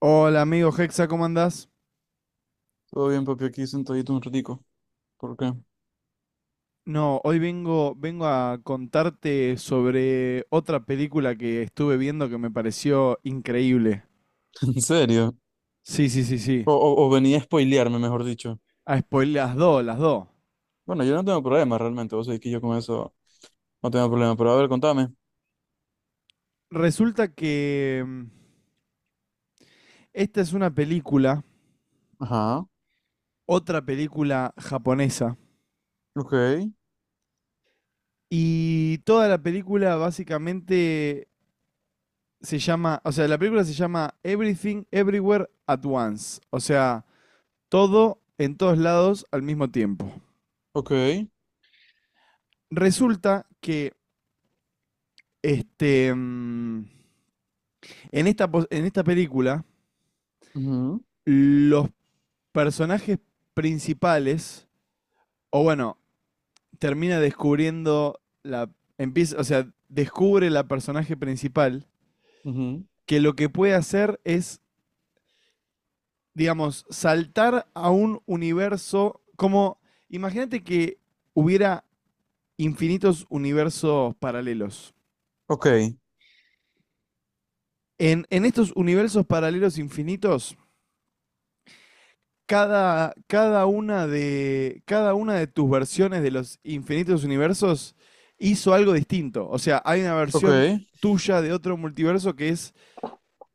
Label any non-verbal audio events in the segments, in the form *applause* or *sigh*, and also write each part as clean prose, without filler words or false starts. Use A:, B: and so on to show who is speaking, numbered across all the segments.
A: Hola amigo Hexa, ¿cómo andás?
B: Todo bien, papi, aquí sentadito un ratico. ¿Por qué?
A: No, hoy vengo a contarte sobre otra película que estuve viendo que me pareció increíble.
B: *laughs* ¿En serio?
A: Sí, sí, sí, sí.
B: O venía a spoilearme, mejor dicho.
A: Ah, spoiler, las dos, las dos.
B: Bueno, yo no tengo problema realmente, vos sabés que yo con eso no tengo problema, pero a ver, contame.
A: Resulta que esta es una película,
B: Ajá,
A: otra película japonesa,
B: ok,
A: y toda la película básicamente se llama, o sea, la película se llama Everything Everywhere at Once, o sea, todo en todos lados al mismo tiempo.
B: ok,
A: Resulta que este, en esta película
B: ujú,
A: los personajes principales, o bueno, termina descubriendo la... Empieza, o sea, descubre la personaje principal
B: ujú,
A: que lo que puede hacer es, digamos, saltar a un universo como... Imagínate que hubiera infinitos universos paralelos.
B: ok,
A: En estos universos paralelos infinitos, cada una de tus versiones de los infinitos universos hizo algo distinto. O sea, hay una
B: ok,
A: versión tuya de otro multiverso que es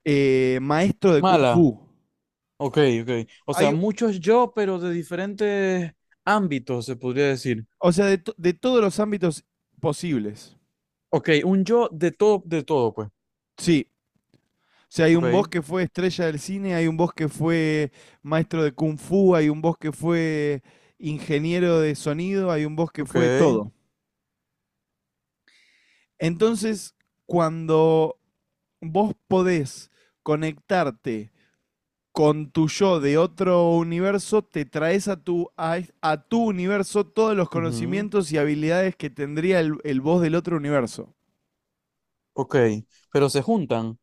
A: maestro de Kung
B: mala,
A: Fu.
B: ok, ok. O sea,
A: Hay,
B: muchos yo, pero de diferentes ámbitos, se podría decir.
A: o sea, de, de todos los ámbitos posibles.
B: Ok, un yo de todo, pues.
A: Sí. O sea, hay un boss
B: Ok,
A: que fue estrella del cine, hay un boss que fue maestro de Kung Fu, hay un boss que fue ingeniero de sonido, hay un boss que
B: ok,
A: fue todo. Entonces, cuando vos podés conectarte con tu yo de otro universo, te traes a tu universo todos los
B: ujú,
A: conocimientos y habilidades que tendría el vos del otro universo.
B: ok, pero se juntan.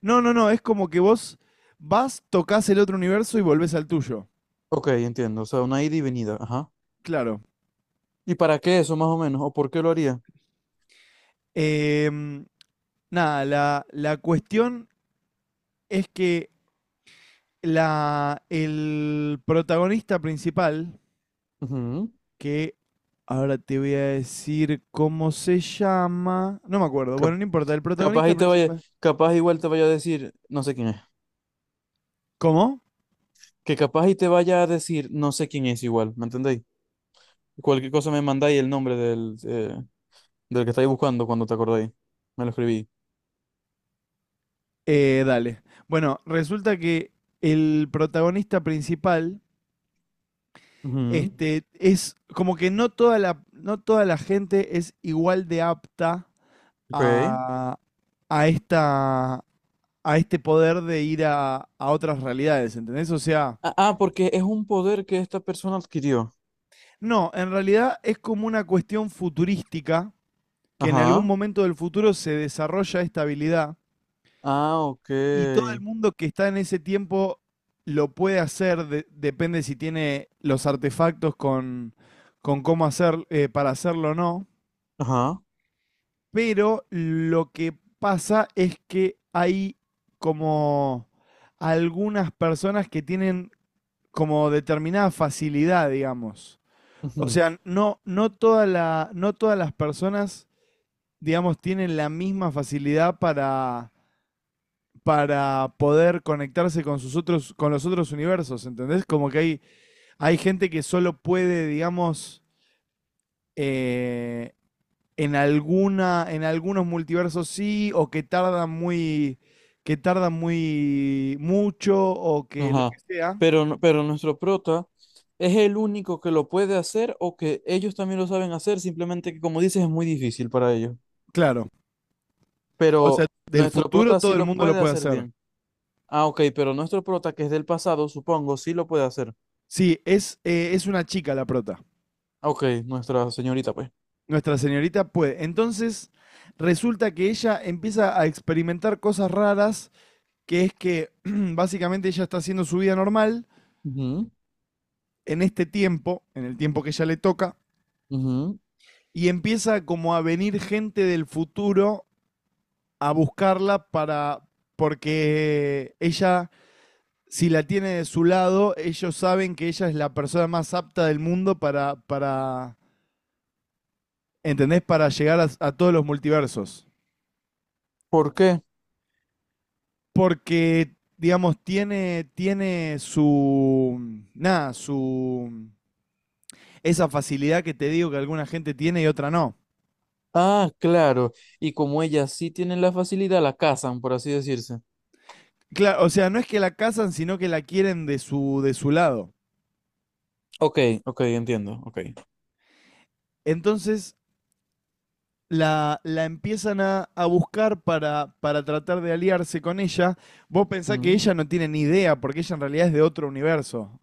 A: No, no, no, es como que vos vas, tocas el otro universo y volvés al tuyo.
B: Ok, entiendo, o sea, una ida y venida, ajá.
A: Claro.
B: ¿Y para qué eso más o menos? ¿O por qué lo haría?
A: Em, nada, la cuestión es que la, el protagonista principal,
B: Ujú.
A: que ahora te voy a decir cómo se llama. No me acuerdo. Bueno,
B: Cap-
A: no importa. El
B: Capaz
A: protagonista
B: y te vaya,
A: principal.
B: capaz igual te vaya a decir, no sé quién es.
A: ¿Cómo?
B: Que capaz y te vaya a decir, no sé quién es igual, ¿me entendéis? Cualquier cosa me mandáis el nombre del, del que estáis buscando cuando te acordáis. Me lo escribí.
A: Dale. Bueno, resulta que el protagonista principal,
B: Ujú.
A: este, es como que no toda la gente es igual de apta
B: Ok.
A: a, a esta, a este poder de ir a otras realidades, ¿entendés? O sea,
B: Ah, porque es un poder que esta persona adquirió.
A: no, en realidad es como una cuestión futurística que en algún
B: Ajá.
A: momento del futuro se desarrolla esta habilidad
B: Ah,
A: y todo
B: ok.
A: el mundo que está en ese tiempo lo puede hacer, de- depende si tiene los artefactos con cómo hacer, para hacerlo o no,
B: Ajá.
A: pero lo que pasa es que hay como algunas personas que tienen como determinada facilidad, digamos. O
B: Ujú.
A: sea, no, no todas las personas, digamos, tienen la misma facilidad para poder conectarse con sus otros, con los otros universos, ¿entendés? Como que hay gente que solo puede, digamos, eh, en alguna, en algunos multiversos sí, o que tardan muy mucho, o que lo
B: Ajá.
A: que sea.
B: Pero, pero nuestro prota es el único que lo puede hacer o que ellos también lo saben hacer, simplemente que como dices es muy difícil para ellos.
A: Claro. O sea,
B: Pero
A: del
B: nuestro
A: futuro
B: prota sí
A: todo el
B: lo
A: mundo lo
B: puede
A: puede
B: hacer
A: hacer.
B: bien. Ah, ok, pero nuestro prota que es del pasado, supongo, sí lo puede hacer.
A: Sí, es una chica la prota.
B: Ah, ok, nuestra señorita, pues.
A: Nuestra señorita puede. Entonces, resulta que ella empieza a experimentar cosas raras que es que *clears throat* básicamente ella está haciendo su vida normal en este tiempo, en el tiempo que ella le toca,
B: Ujú, ujú.
A: y empieza como a venir gente del futuro a buscarla para, porque ella, si la tiene de su lado, ellos saben que ella es la persona más apta del mundo para ¿entendés? Para llegar a todos los multiversos.
B: ¿Por qué?
A: Porque, digamos, tiene, tiene su, nada, su esa facilidad que te digo que alguna gente tiene y otra no.
B: Ah, claro. Y como ella sí tiene la facilidad, la cazan, por así decirse.
A: Claro, o sea, no es que la casan, sino que la quieren de su lado.
B: Ok, ok, entiendo, ok.
A: Entonces la empiezan a buscar para tratar de aliarse con ella. Vos pensás que
B: Ujú.
A: ella no tiene ni idea, porque ella en realidad es de otro universo.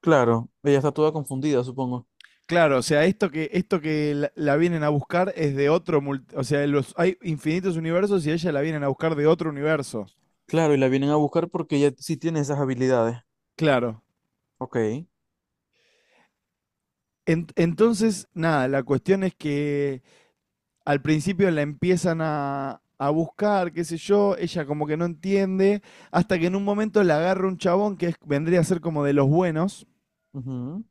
B: Claro, ella está toda confundida, supongo.
A: Claro, o sea, esto que la vienen a buscar es de otro, mul- o sea, los, hay infinitos universos y a ella la vienen a buscar de otro universo.
B: Claro, y la vienen a buscar porque ella sí tiene esas habilidades.
A: Claro.
B: Ok.
A: En- entonces, nada, la cuestión es que al principio la empiezan a buscar, qué sé yo, ella como que no entiende, hasta que en un momento la agarra un chabón que es- vendría a ser como de los buenos
B: Ujú,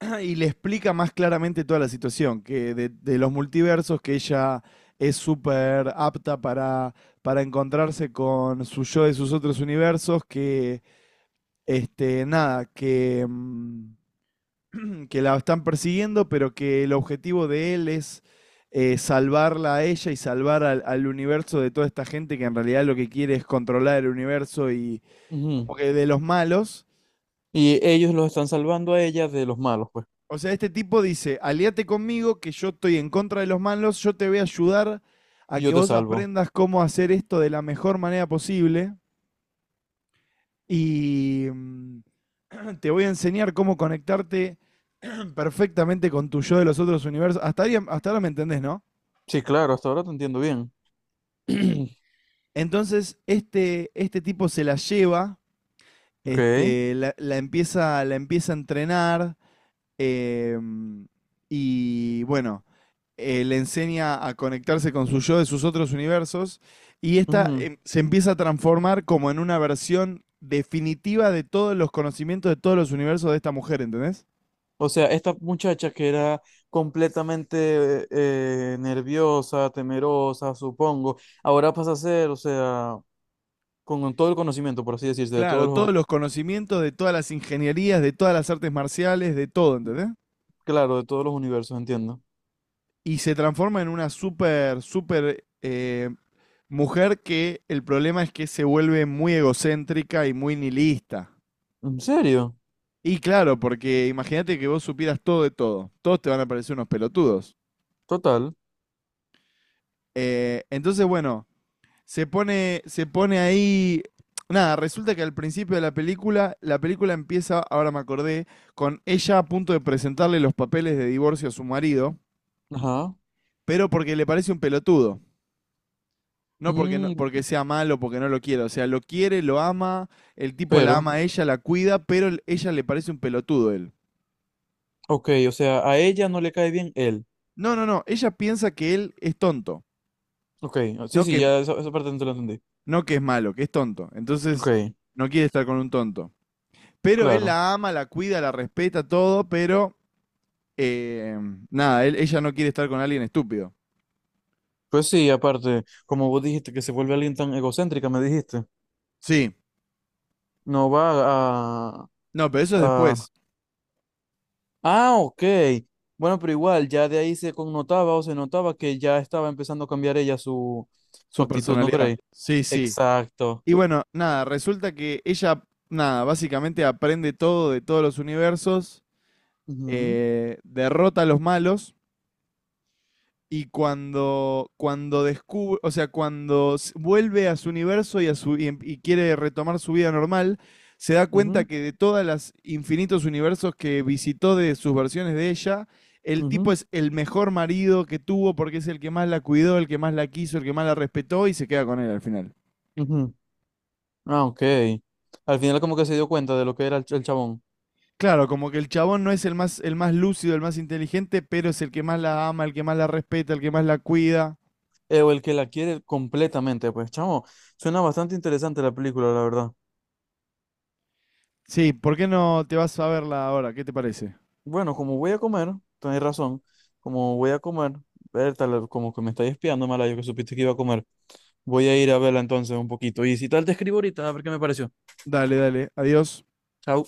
A: *clears throat* y le explica más claramente toda la situación, que de los multiversos, que ella es súper apta para encontrarse con su yo de sus otros universos, que, este, nada, que... que la están persiguiendo, pero que el objetivo de él es salvarla a ella y salvar al, al universo de toda esta gente que en realidad lo que quiere es controlar el universo y
B: ujú.
A: como que de los malos.
B: Y ellos los están salvando a ella de los malos, pues.
A: O sea, este tipo dice, aliate conmigo que yo estoy en contra de los malos, yo te voy a ayudar a
B: Y yo
A: que
B: te
A: vos
B: salvo.
A: aprendas cómo hacer esto de la mejor manera posible y *clears throat* te voy a enseñar cómo conectarte perfectamente con tu yo de los otros universos. Hasta, ahí- hasta ahora me entendés, ¿no?
B: Sí, claro, hasta ahora te entiendo bien. *clears throat*
A: Entonces, este tipo se la lleva,
B: Ok.
A: este, la, la empieza a entrenar em, y bueno, le enseña a conectarse con su yo de sus otros universos y esta
B: Ujú.
A: se empieza a transformar como en una versión definitiva de todos los conocimientos de todos los universos de esta mujer, ¿entendés?
B: O sea, esta muchacha que era completamente nerviosa, temerosa, supongo, ahora pasa a ser, o sea, con todo el conocimiento, por así decirse, de todos
A: Claro, todos
B: los,
A: los conocimientos de todas las ingenierías, de todas las artes marciales, de todo, ¿entendés?
B: claro, de todos los universos, entiendo.
A: Y se transforma en una súper, súper mujer que el problema es que se vuelve muy egocéntrica y muy nihilista.
B: ¿En serio?
A: Y claro, porque imagínate que vos supieras todo de todo. Todos te van a parecer unos pelotudos.
B: Total.
A: Entonces, bueno, se pone ahí. Nada, resulta que al principio de la película empieza, ahora me acordé, con ella a punto de presentarle los papeles de divorcio a su marido,
B: Ajá.
A: pero porque le parece un pelotudo. No
B: Mm,
A: porque sea malo, porque no lo quiera. O sea, lo quiere, lo ama, el tipo la
B: pero...
A: ama a ella, la cuida, pero el- ella le parece un pelotudo él.
B: Ok, o sea, a ella no le cae bien él.
A: No, no, no. Ella piensa que él es tonto.
B: Ok, ah, sí,
A: No
B: sí,
A: que,
B: esa parte no te la entendí.
A: no que es malo, que es tonto. Entonces,
B: Ok,
A: no quiere estar con un tonto. Pero él
B: claro.
A: la ama, la cuida, la respeta, todo, pero eh, nada, él- ella no quiere estar con alguien estúpido.
B: Pues sí, aparte, como vos dijiste que se vuelve alguien tan egocéntrica, me dijiste.
A: Sí.
B: No va a,
A: No, pero eso es
B: a...
A: después.
B: Ah, ok. Bueno, pero igual, ya de ahí se connotaba o se notaba que ya estaba empezando a cambiar ella su, su
A: Su
B: actitud, ¿no
A: personalidad.
B: crees?
A: Sí, sí.
B: Exacto.
A: Y bueno, nada, resulta que ella, nada, básicamente aprende todo de todos los universos,
B: Ujú,
A: derrota a los malos y cuando, cuando descubre, o sea, cuando s- vuelve a su universo y, a su, y em- y quiere retomar su vida normal, se da cuenta
B: ujú,
A: que de todos los infinitos universos que visitó de sus versiones de ella, el tipo
B: ujú,
A: es el mejor marido que tuvo porque es el que más la cuidó, el que más la quiso, el que más la respetó y se queda con él al final.
B: ujú. Ah, ok. Al final como que se dio cuenta de lo que era el, el chabón.
A: Claro, como que el chabón no es el más lúcido, el más inteligente, pero es el que más la ama, el que más la respeta, el que más la cuida.
B: Eh, o el que la quiere completamente, pues, chamo, suena bastante interesante la película, la verdad.
A: Sí, ¿por qué no te vas a verla ahora? ¿Qué te parece?
B: Bueno, como voy a comer, tenés razón, como voy a comer, ver, tal, como que me estáis espiando, mala, yo que supiste que iba a comer, voy a ir a verla entonces un poquito. Y si tal, te escribo ahorita a ver qué me pareció.
A: Dale, dale, adiós.
B: Chao.